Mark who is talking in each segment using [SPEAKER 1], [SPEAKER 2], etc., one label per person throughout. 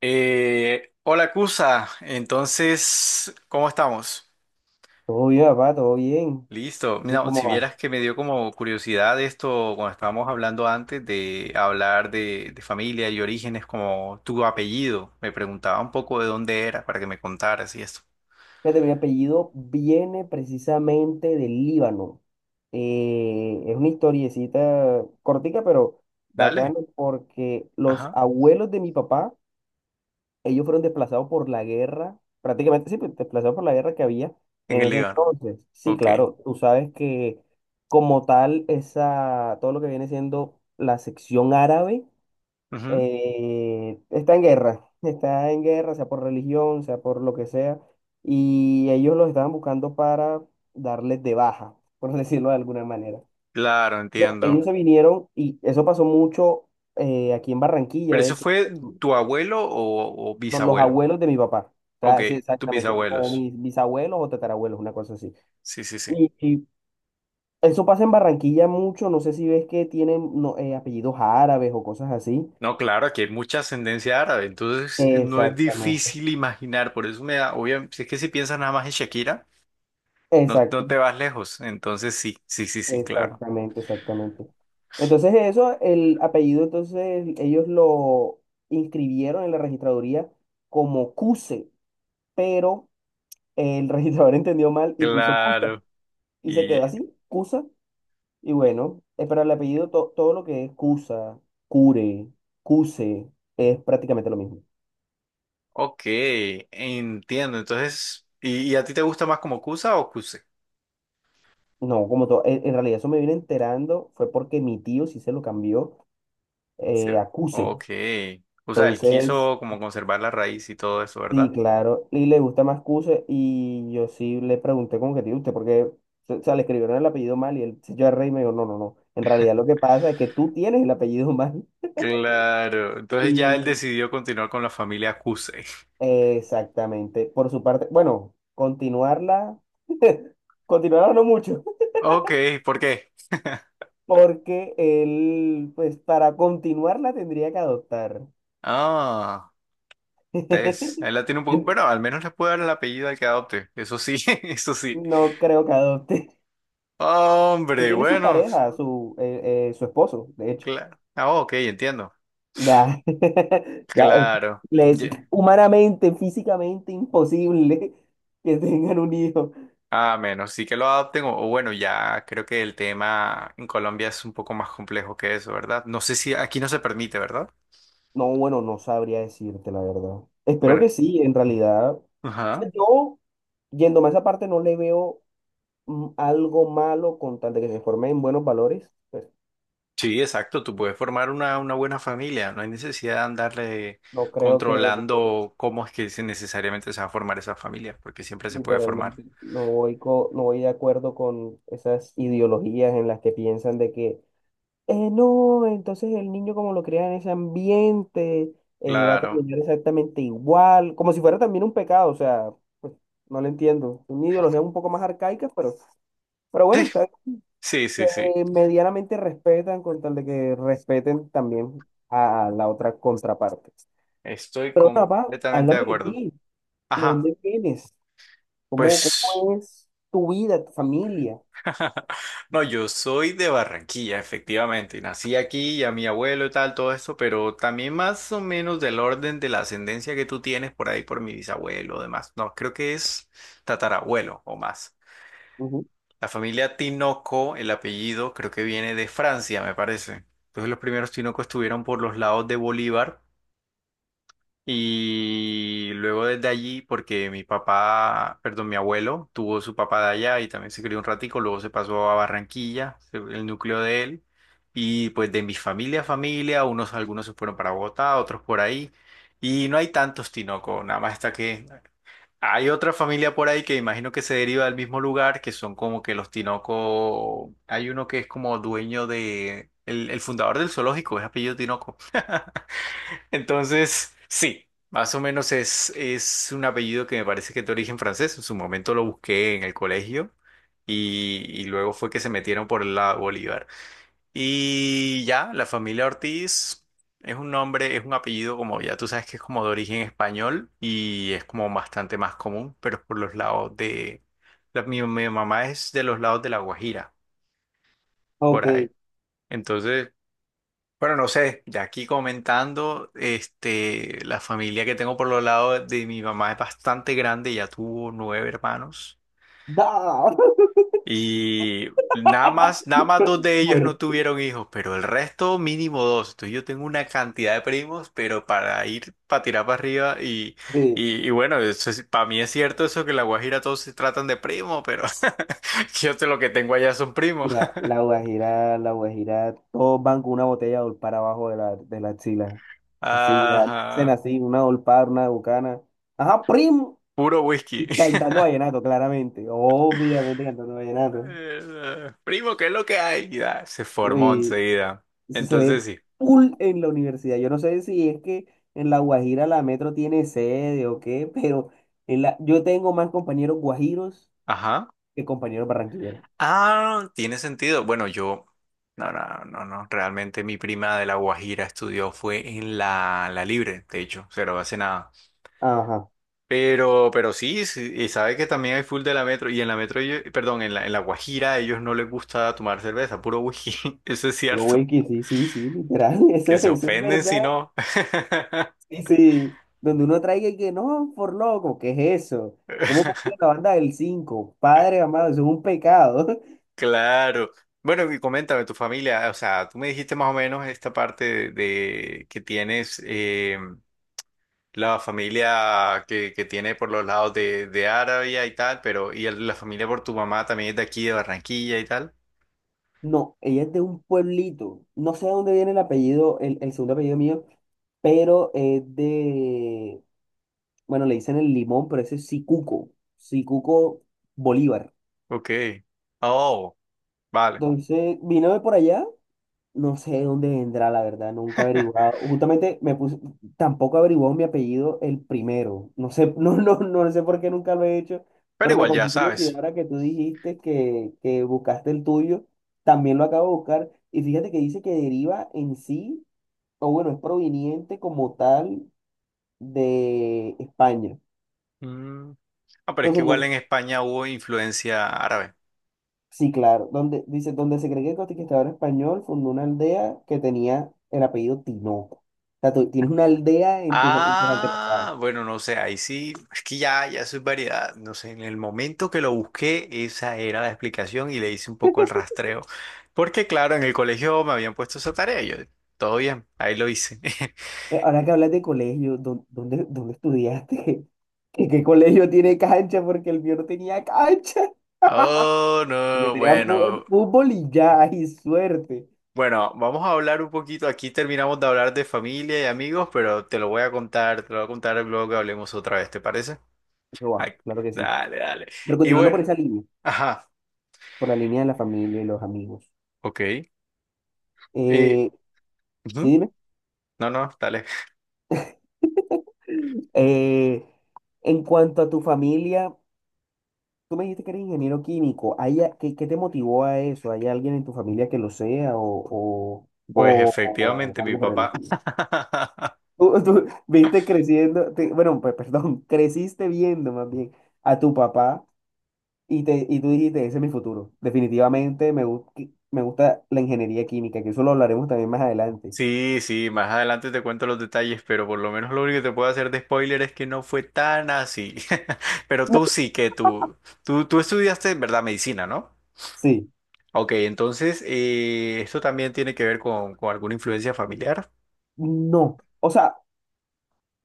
[SPEAKER 1] Hola Cusa, entonces, ¿cómo estamos?
[SPEAKER 2] Todo bien, papá, todo bien.
[SPEAKER 1] Listo.
[SPEAKER 2] ¿Y tú
[SPEAKER 1] Mira,
[SPEAKER 2] cómo
[SPEAKER 1] si
[SPEAKER 2] vas?
[SPEAKER 1] vieras que me dio como curiosidad esto cuando estábamos hablando antes de hablar de familia y orígenes, como tu apellido, me preguntaba un poco de dónde era para que me contaras y esto.
[SPEAKER 2] Fíjate, mi apellido viene precisamente del Líbano. Es una historiecita cortica, pero
[SPEAKER 1] Dale.
[SPEAKER 2] bacana, porque los
[SPEAKER 1] Ajá.
[SPEAKER 2] abuelos de mi papá, ellos fueron desplazados por la guerra, prácticamente sí, pues, desplazados por la guerra que había
[SPEAKER 1] En
[SPEAKER 2] en
[SPEAKER 1] el
[SPEAKER 2] ese
[SPEAKER 1] Líbano.
[SPEAKER 2] entonces. Sí,
[SPEAKER 1] Ok.
[SPEAKER 2] claro, tú sabes que como tal, esa, todo lo que viene siendo la sección árabe.
[SPEAKER 1] Ujú.
[SPEAKER 2] Está en guerra, está en guerra, sea por religión, sea por lo que sea, y ellos los estaban buscando para darles de baja, por decirlo de alguna manera.
[SPEAKER 1] Claro,
[SPEAKER 2] Bueno,
[SPEAKER 1] entiendo.
[SPEAKER 2] ellos se vinieron y eso pasó mucho, aquí en Barranquilla,
[SPEAKER 1] ¿Pero
[SPEAKER 2] de
[SPEAKER 1] eso
[SPEAKER 2] hecho,
[SPEAKER 1] fue tu abuelo o
[SPEAKER 2] con los
[SPEAKER 1] bisabuelo?
[SPEAKER 2] abuelos de mi papá, o
[SPEAKER 1] Ok,
[SPEAKER 2] sea, sí,
[SPEAKER 1] tus
[SPEAKER 2] exactamente, o
[SPEAKER 1] bisabuelos.
[SPEAKER 2] mis bisabuelos o tatarabuelos, una cosa así.
[SPEAKER 1] Sí, sí, sí.
[SPEAKER 2] Y eso pasa en Barranquilla mucho, no sé si ves que tienen, no, apellidos árabes o cosas así.
[SPEAKER 1] No, claro, aquí hay mucha ascendencia árabe, entonces no es
[SPEAKER 2] Exactamente.
[SPEAKER 1] difícil imaginar, por eso me da, obviamente, si es que si piensas nada más en Shakira, no, no
[SPEAKER 2] Exacto.
[SPEAKER 1] te vas lejos, entonces sí, sí, sí, sí, claro,
[SPEAKER 2] Exactamente, exactamente. Entonces eso, el apellido, entonces ellos lo inscribieron en la registraduría como Cuse, pero el registrador entendió mal y puso Cusa.
[SPEAKER 1] claro,
[SPEAKER 2] Y se quedó
[SPEAKER 1] y
[SPEAKER 2] así, Cusa. Y bueno, pero el apellido, todo lo que es Cusa, Cure, Cuse, es prácticamente lo mismo.
[SPEAKER 1] ok, entiendo, entonces, y a ti te gusta más como Cusa o Cuse?
[SPEAKER 2] No, como todo, en realidad eso me vine enterando, fue porque mi tío sí se lo cambió,
[SPEAKER 1] Sí.
[SPEAKER 2] a Cuse.
[SPEAKER 1] Ok, o sea, él
[SPEAKER 2] Entonces,
[SPEAKER 1] quiso como conservar la raíz y todo eso,
[SPEAKER 2] sí,
[SPEAKER 1] ¿verdad?
[SPEAKER 2] claro, y le gusta más Cuse y yo sí le pregunté con objetivo, ¿usted por qué? O sea, le escribieron el apellido mal y el señor Rey me dijo, no, no, no, en realidad lo que pasa es que tú tienes el apellido mal
[SPEAKER 1] Claro, entonces ya él
[SPEAKER 2] y
[SPEAKER 1] decidió continuar con la familia Cuse.
[SPEAKER 2] exactamente, por su parte, bueno, continuarla, continuarla no mucho,
[SPEAKER 1] Ok, ¿por qué?
[SPEAKER 2] porque él, pues para continuarla tendría que adoptar.
[SPEAKER 1] Ah. Tess, ahí la tiene un poco. Bueno, al menos le puede dar el apellido al que adopte. Eso sí, eso sí.
[SPEAKER 2] No creo que adopte. Él
[SPEAKER 1] Hombre,
[SPEAKER 2] tiene su
[SPEAKER 1] bueno,
[SPEAKER 2] pareja, su esposo, de hecho.
[SPEAKER 1] claro. Ah, ok, entiendo.
[SPEAKER 2] Ya, ya es,
[SPEAKER 1] Claro.
[SPEAKER 2] les
[SPEAKER 1] Ye-
[SPEAKER 2] humanamente, físicamente imposible que tengan un hijo.
[SPEAKER 1] A menos sí que lo adopten, o bueno, ya creo que el tema en Colombia es un poco más complejo que eso, ¿verdad? No sé si aquí no se permite, ¿verdad?
[SPEAKER 2] No, bueno, no sabría decirte la verdad. Espero
[SPEAKER 1] Bueno,
[SPEAKER 2] que sí, en realidad. O
[SPEAKER 1] ajá.
[SPEAKER 2] sea, yo, yéndome a esa parte, no le veo, algo malo con tal de que se forme en buenos valores. Pues,
[SPEAKER 1] Sí, exacto. Tú puedes formar una buena familia. No hay necesidad de andarle
[SPEAKER 2] no creo que,
[SPEAKER 1] controlando cómo es que se- necesariamente se va a formar esa familia, porque siempre se puede formar.
[SPEAKER 2] literalmente, no voy de acuerdo con esas ideologías en las que piensan de que, no, entonces el niño como lo crea en ese ambiente, va a
[SPEAKER 1] Claro.
[SPEAKER 2] terminar exactamente igual, como si fuera también un pecado, o sea, pues, no lo entiendo. Son ideologías un poco más arcaicas, pero
[SPEAKER 1] Sí,
[SPEAKER 2] bueno, está bien,
[SPEAKER 1] sí, sí, sí.
[SPEAKER 2] se, medianamente respetan con tal de que respeten también a la otra contraparte.
[SPEAKER 1] Estoy
[SPEAKER 2] Pero papá,
[SPEAKER 1] completamente de
[SPEAKER 2] háblame de
[SPEAKER 1] acuerdo.
[SPEAKER 2] ti, ¿de
[SPEAKER 1] Ajá,
[SPEAKER 2] dónde vienes? ¿Cómo,
[SPEAKER 1] pues.
[SPEAKER 2] cómo es tu vida, tu familia?
[SPEAKER 1] No, yo soy de Barranquilla, efectivamente. Nací aquí y a mi abuelo y tal, todo esto, pero también más o menos del orden de la ascendencia que tú tienes por ahí por mi bisabuelo o demás. No, creo que es tatarabuelo o más.
[SPEAKER 2] Ujú.
[SPEAKER 1] La familia Tinoco, el apellido, creo que viene de Francia, me parece. Entonces los primeros Tinoco estuvieron por los lados de Bolívar. Y luego desde allí, porque mi papá, perdón, mi abuelo tuvo su papá de allá y también se crió un ratico, luego se pasó a Barranquilla, se- el núcleo de él, y pues de mi familia a familia, unos, algunos se fueron para Bogotá, otros por ahí, y no hay tantos Tinoco, nada más está que hay otra familia por ahí que imagino que se deriva del mismo lugar, que son como que los Tinoco, hay uno que es como dueño de, el fundador del zoológico, es apellido Tinoco. Entonces, sí, más o menos es un apellido que me parece que es de origen francés. En su momento lo busqué en el colegio y luego fue que se metieron por el lado Bolívar. Y ya, la familia Ortiz es un nombre, es un apellido como ya tú sabes que es como de origen español y es como bastante más común, pero es por los lados de... Mi mamá es de los lados de La Guajira,
[SPEAKER 2] Ok,
[SPEAKER 1] por ahí. Entonces... Bueno, no sé, ya aquí comentando, este, la familia que tengo por los lados de mi mamá es bastante grande, ya tuvo nueve hermanos
[SPEAKER 2] da,
[SPEAKER 1] y nada más, nada más dos de ellos no
[SPEAKER 2] fuerte.
[SPEAKER 1] tuvieron hijos, pero el resto mínimo dos. Entonces yo tengo una cantidad de primos, pero para ir, para tirar para arriba y bueno, eso es- para mí es cierto eso que en La Guajira todos se tratan de primo, pero yo sé lo que tengo allá son primos.
[SPEAKER 2] Mira, la Guajira, todos van con una botella de olpar abajo de la axila. Así ya nacen
[SPEAKER 1] Ajá,
[SPEAKER 2] así, una olpar, una bucana. Ajá, primo.
[SPEAKER 1] puro whisky.
[SPEAKER 2] Y cantando vallenato, claramente. Obviamente cantando vallenato.
[SPEAKER 1] Primo, ¿qué es lo que hay? Y ya, se
[SPEAKER 2] ¿No?
[SPEAKER 1] formó
[SPEAKER 2] Y
[SPEAKER 1] enseguida.
[SPEAKER 2] eso se ve
[SPEAKER 1] Entonces sí.
[SPEAKER 2] full en la universidad. Yo no sé si es que en la Guajira la Metro tiene sede o qué, pero yo tengo más compañeros guajiros
[SPEAKER 1] Ajá.
[SPEAKER 2] que compañeros barranquilleros.
[SPEAKER 1] Ah, tiene sentido. Bueno, yo. No, no, no, no. Realmente mi prima de La Guajira estudió fue en la Libre, de hecho, pero hace nada.
[SPEAKER 2] Ajá.
[SPEAKER 1] Pero sí, sí, y sabe que también hay full de la Metro. Y en la Metro, ellos- perdón, en la Guajira a ellos no les gusta tomar cerveza, puro whisky. Eso es
[SPEAKER 2] Pero,
[SPEAKER 1] cierto.
[SPEAKER 2] güey, que sí, sí, sí, literal. Eso,
[SPEAKER 1] Que se
[SPEAKER 2] eso es
[SPEAKER 1] ofenden si
[SPEAKER 2] verdad.
[SPEAKER 1] no.
[SPEAKER 2] Sí, sí, donde uno traiga y que no, por loco, ¿qué es eso? ¿Cómo porque la banda del 5 Padre amado, eso es un pecado.
[SPEAKER 1] Claro. Bueno, y coméntame tu familia, o sea, tú me dijiste más o menos esta parte de que tienes la familia que tiene por los lados de Arabia y tal, pero y el- la familia por tu mamá también es de aquí, de Barranquilla y tal.
[SPEAKER 2] No, ella es de un pueblito. No sé de dónde viene el apellido, el segundo apellido mío, pero es de, bueno, le dicen el limón, pero ese es Sicuco, Sicuco Bolívar.
[SPEAKER 1] Ok. Oh, vale.
[SPEAKER 2] Entonces, vino de por allá. No sé de dónde vendrá, la verdad, nunca he averiguado. Justamente me puse, tampoco averiguó mi apellido el primero. No sé, no, no, no sé por qué nunca lo he hecho,
[SPEAKER 1] Pero
[SPEAKER 2] pero me
[SPEAKER 1] igual ya
[SPEAKER 2] causó curiosidad
[SPEAKER 1] sabes.
[SPEAKER 2] ahora que tú dijiste que, buscaste el tuyo, también lo acabo de buscar. Y fíjate que dice que deriva en sí, o bueno, es proveniente como tal de España.
[SPEAKER 1] Mm. Ah, pero es que
[SPEAKER 2] Entonces,
[SPEAKER 1] igual en
[SPEAKER 2] no,
[SPEAKER 1] España hubo influencia árabe.
[SPEAKER 2] sí, claro. Donde, dice, donde se cree que el conquistador español fundó una aldea que tenía el apellido Tinoco. O sea, tú tienes una aldea en tus antepasados.
[SPEAKER 1] Ah, bueno, no sé, ahí sí, es que ya, ya soy variedad, no sé, en el momento que lo busqué, esa era la explicación y le hice un poco el rastreo, porque claro, en el colegio me habían puesto esa tarea, y yo, todo bien, ahí lo hice.
[SPEAKER 2] Pero ahora que hablas de colegio, ¿dónde estudiaste? ¿Qué colegio tiene cancha? Porque el mío no tenía cancha.
[SPEAKER 1] Oh,
[SPEAKER 2] El mío
[SPEAKER 1] no,
[SPEAKER 2] tenía
[SPEAKER 1] bueno,
[SPEAKER 2] fútbol y ya, y suerte.
[SPEAKER 1] bueno, vamos a hablar un poquito, aquí terminamos de hablar de familia y amigos, pero te lo voy a contar, te lo voy a contar luego que hablemos otra vez, ¿te parece?
[SPEAKER 2] Eso va,
[SPEAKER 1] Ay,
[SPEAKER 2] claro que sí.
[SPEAKER 1] dale, dale.
[SPEAKER 2] Pero
[SPEAKER 1] Y
[SPEAKER 2] continuando
[SPEAKER 1] bueno,
[SPEAKER 2] por esa línea,
[SPEAKER 1] ajá,
[SPEAKER 2] por la línea de la familia y los amigos.
[SPEAKER 1] ok. Eh,
[SPEAKER 2] Eh, sí,
[SPEAKER 1] ujú,
[SPEAKER 2] dime.
[SPEAKER 1] no, no, dale.
[SPEAKER 2] Eh, en cuanto a tu familia. Tú me dijiste que eres ingeniero químico. ¿Hay qué te motivó a eso? ¿Hay alguien en tu familia que lo sea
[SPEAKER 1] Pues
[SPEAKER 2] o-
[SPEAKER 1] efectivamente,
[SPEAKER 2] o
[SPEAKER 1] mi
[SPEAKER 2] algo por el
[SPEAKER 1] papá.
[SPEAKER 2] estilo? Tú viste creciendo, bueno, perdón, creciste viendo más bien a tu papá y tú dijiste, ese es mi futuro. Definitivamente me gusta la ingeniería química, que eso lo hablaremos también más adelante.
[SPEAKER 1] Sí, sí, más adelante te cuento los detalles, pero por lo menos lo único que te puedo hacer de spoiler es que no fue tan así. Pero
[SPEAKER 2] No.
[SPEAKER 1] tú sí que tú estudiaste, ¿verdad? Medicina, ¿no?
[SPEAKER 2] Sí,
[SPEAKER 1] Ok, entonces, esto también tiene que ver con alguna influencia familiar.
[SPEAKER 2] no. O sea,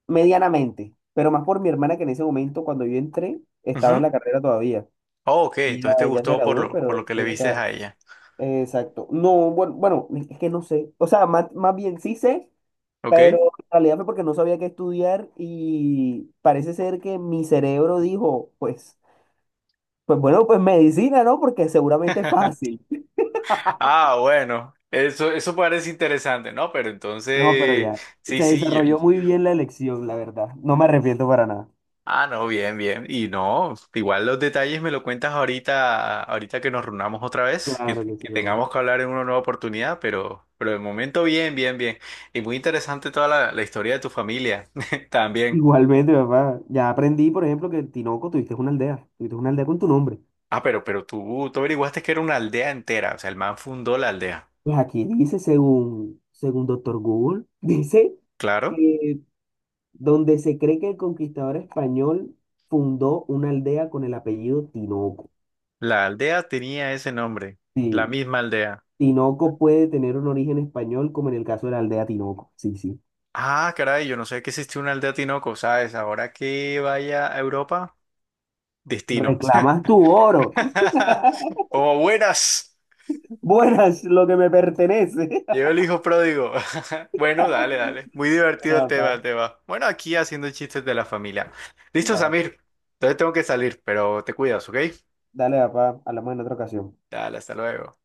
[SPEAKER 2] medianamente, pero más por mi hermana que en ese momento, cuando yo entré, estaba en
[SPEAKER 1] Ujú.
[SPEAKER 2] la carrera todavía.
[SPEAKER 1] Oh, ok,
[SPEAKER 2] Ella
[SPEAKER 1] entonces te
[SPEAKER 2] ya se
[SPEAKER 1] gustó por
[SPEAKER 2] graduó,
[SPEAKER 1] lo
[SPEAKER 2] pero
[SPEAKER 1] que le
[SPEAKER 2] ella
[SPEAKER 1] viste
[SPEAKER 2] está.
[SPEAKER 1] a ella.
[SPEAKER 2] Exacto. No, bueno, bueno, es que no sé. O sea, más bien sí sé, pero
[SPEAKER 1] Ok.
[SPEAKER 2] en realidad fue porque no sabía qué estudiar y parece ser que mi cerebro dijo, pues bueno, pues medicina, ¿no? Porque seguramente es fácil.
[SPEAKER 1] Ah, bueno, eso parece interesante, ¿no? Pero
[SPEAKER 2] No, pero
[SPEAKER 1] entonces,
[SPEAKER 2] ya.
[SPEAKER 1] sí,
[SPEAKER 2] Se
[SPEAKER 1] sí, yo.
[SPEAKER 2] desarrolló muy bien la elección, la verdad. No me arrepiento para nada.
[SPEAKER 1] Ah, no, bien, bien. Y no, igual los detalles me lo cuentas ahorita, ahorita que nos reunamos otra vez, que,
[SPEAKER 2] Claro
[SPEAKER 1] te-
[SPEAKER 2] que sí,
[SPEAKER 1] que
[SPEAKER 2] papá.
[SPEAKER 1] tengamos que hablar en una nueva oportunidad, pero de momento bien, bien, bien. Y muy interesante toda la historia de tu familia también.
[SPEAKER 2] Igualmente, papá. Ya aprendí, por ejemplo, que en Tinoco tuviste una aldea. Tuviste una aldea con tu nombre.
[SPEAKER 1] Ah, pero tú averiguaste que era una aldea entera, o sea, el man fundó la aldea.
[SPEAKER 2] Pues aquí dice, según Doctor Google, dice
[SPEAKER 1] Claro,
[SPEAKER 2] que donde se cree que el conquistador español fundó una aldea con el apellido Tinoco.
[SPEAKER 1] la aldea tenía ese nombre,
[SPEAKER 2] Sí,
[SPEAKER 1] la misma aldea.
[SPEAKER 2] Tinoco puede tener un origen español, como en el caso de la aldea Tinoco. Sí, sí.
[SPEAKER 1] Ah, caray, yo no sé que existió una aldea Tinoco, ¿sabes? Ahora que vaya a Europa, destino.
[SPEAKER 2] Reclamas tu oro.
[SPEAKER 1] Como buenas.
[SPEAKER 2] Buenas, lo que me pertenece.
[SPEAKER 1] Llegó el hijo pródigo. Bueno, dale, dale. Muy divertido el
[SPEAKER 2] Bueno,
[SPEAKER 1] tema, el
[SPEAKER 2] papá,
[SPEAKER 1] tema. Bueno, aquí haciendo chistes de la familia. Listo,
[SPEAKER 2] claro.
[SPEAKER 1] Samir. Entonces tengo que salir, pero te cuidas, ¿ok?
[SPEAKER 2] Dale, papá, hablamos en otra ocasión.
[SPEAKER 1] Dale, hasta luego.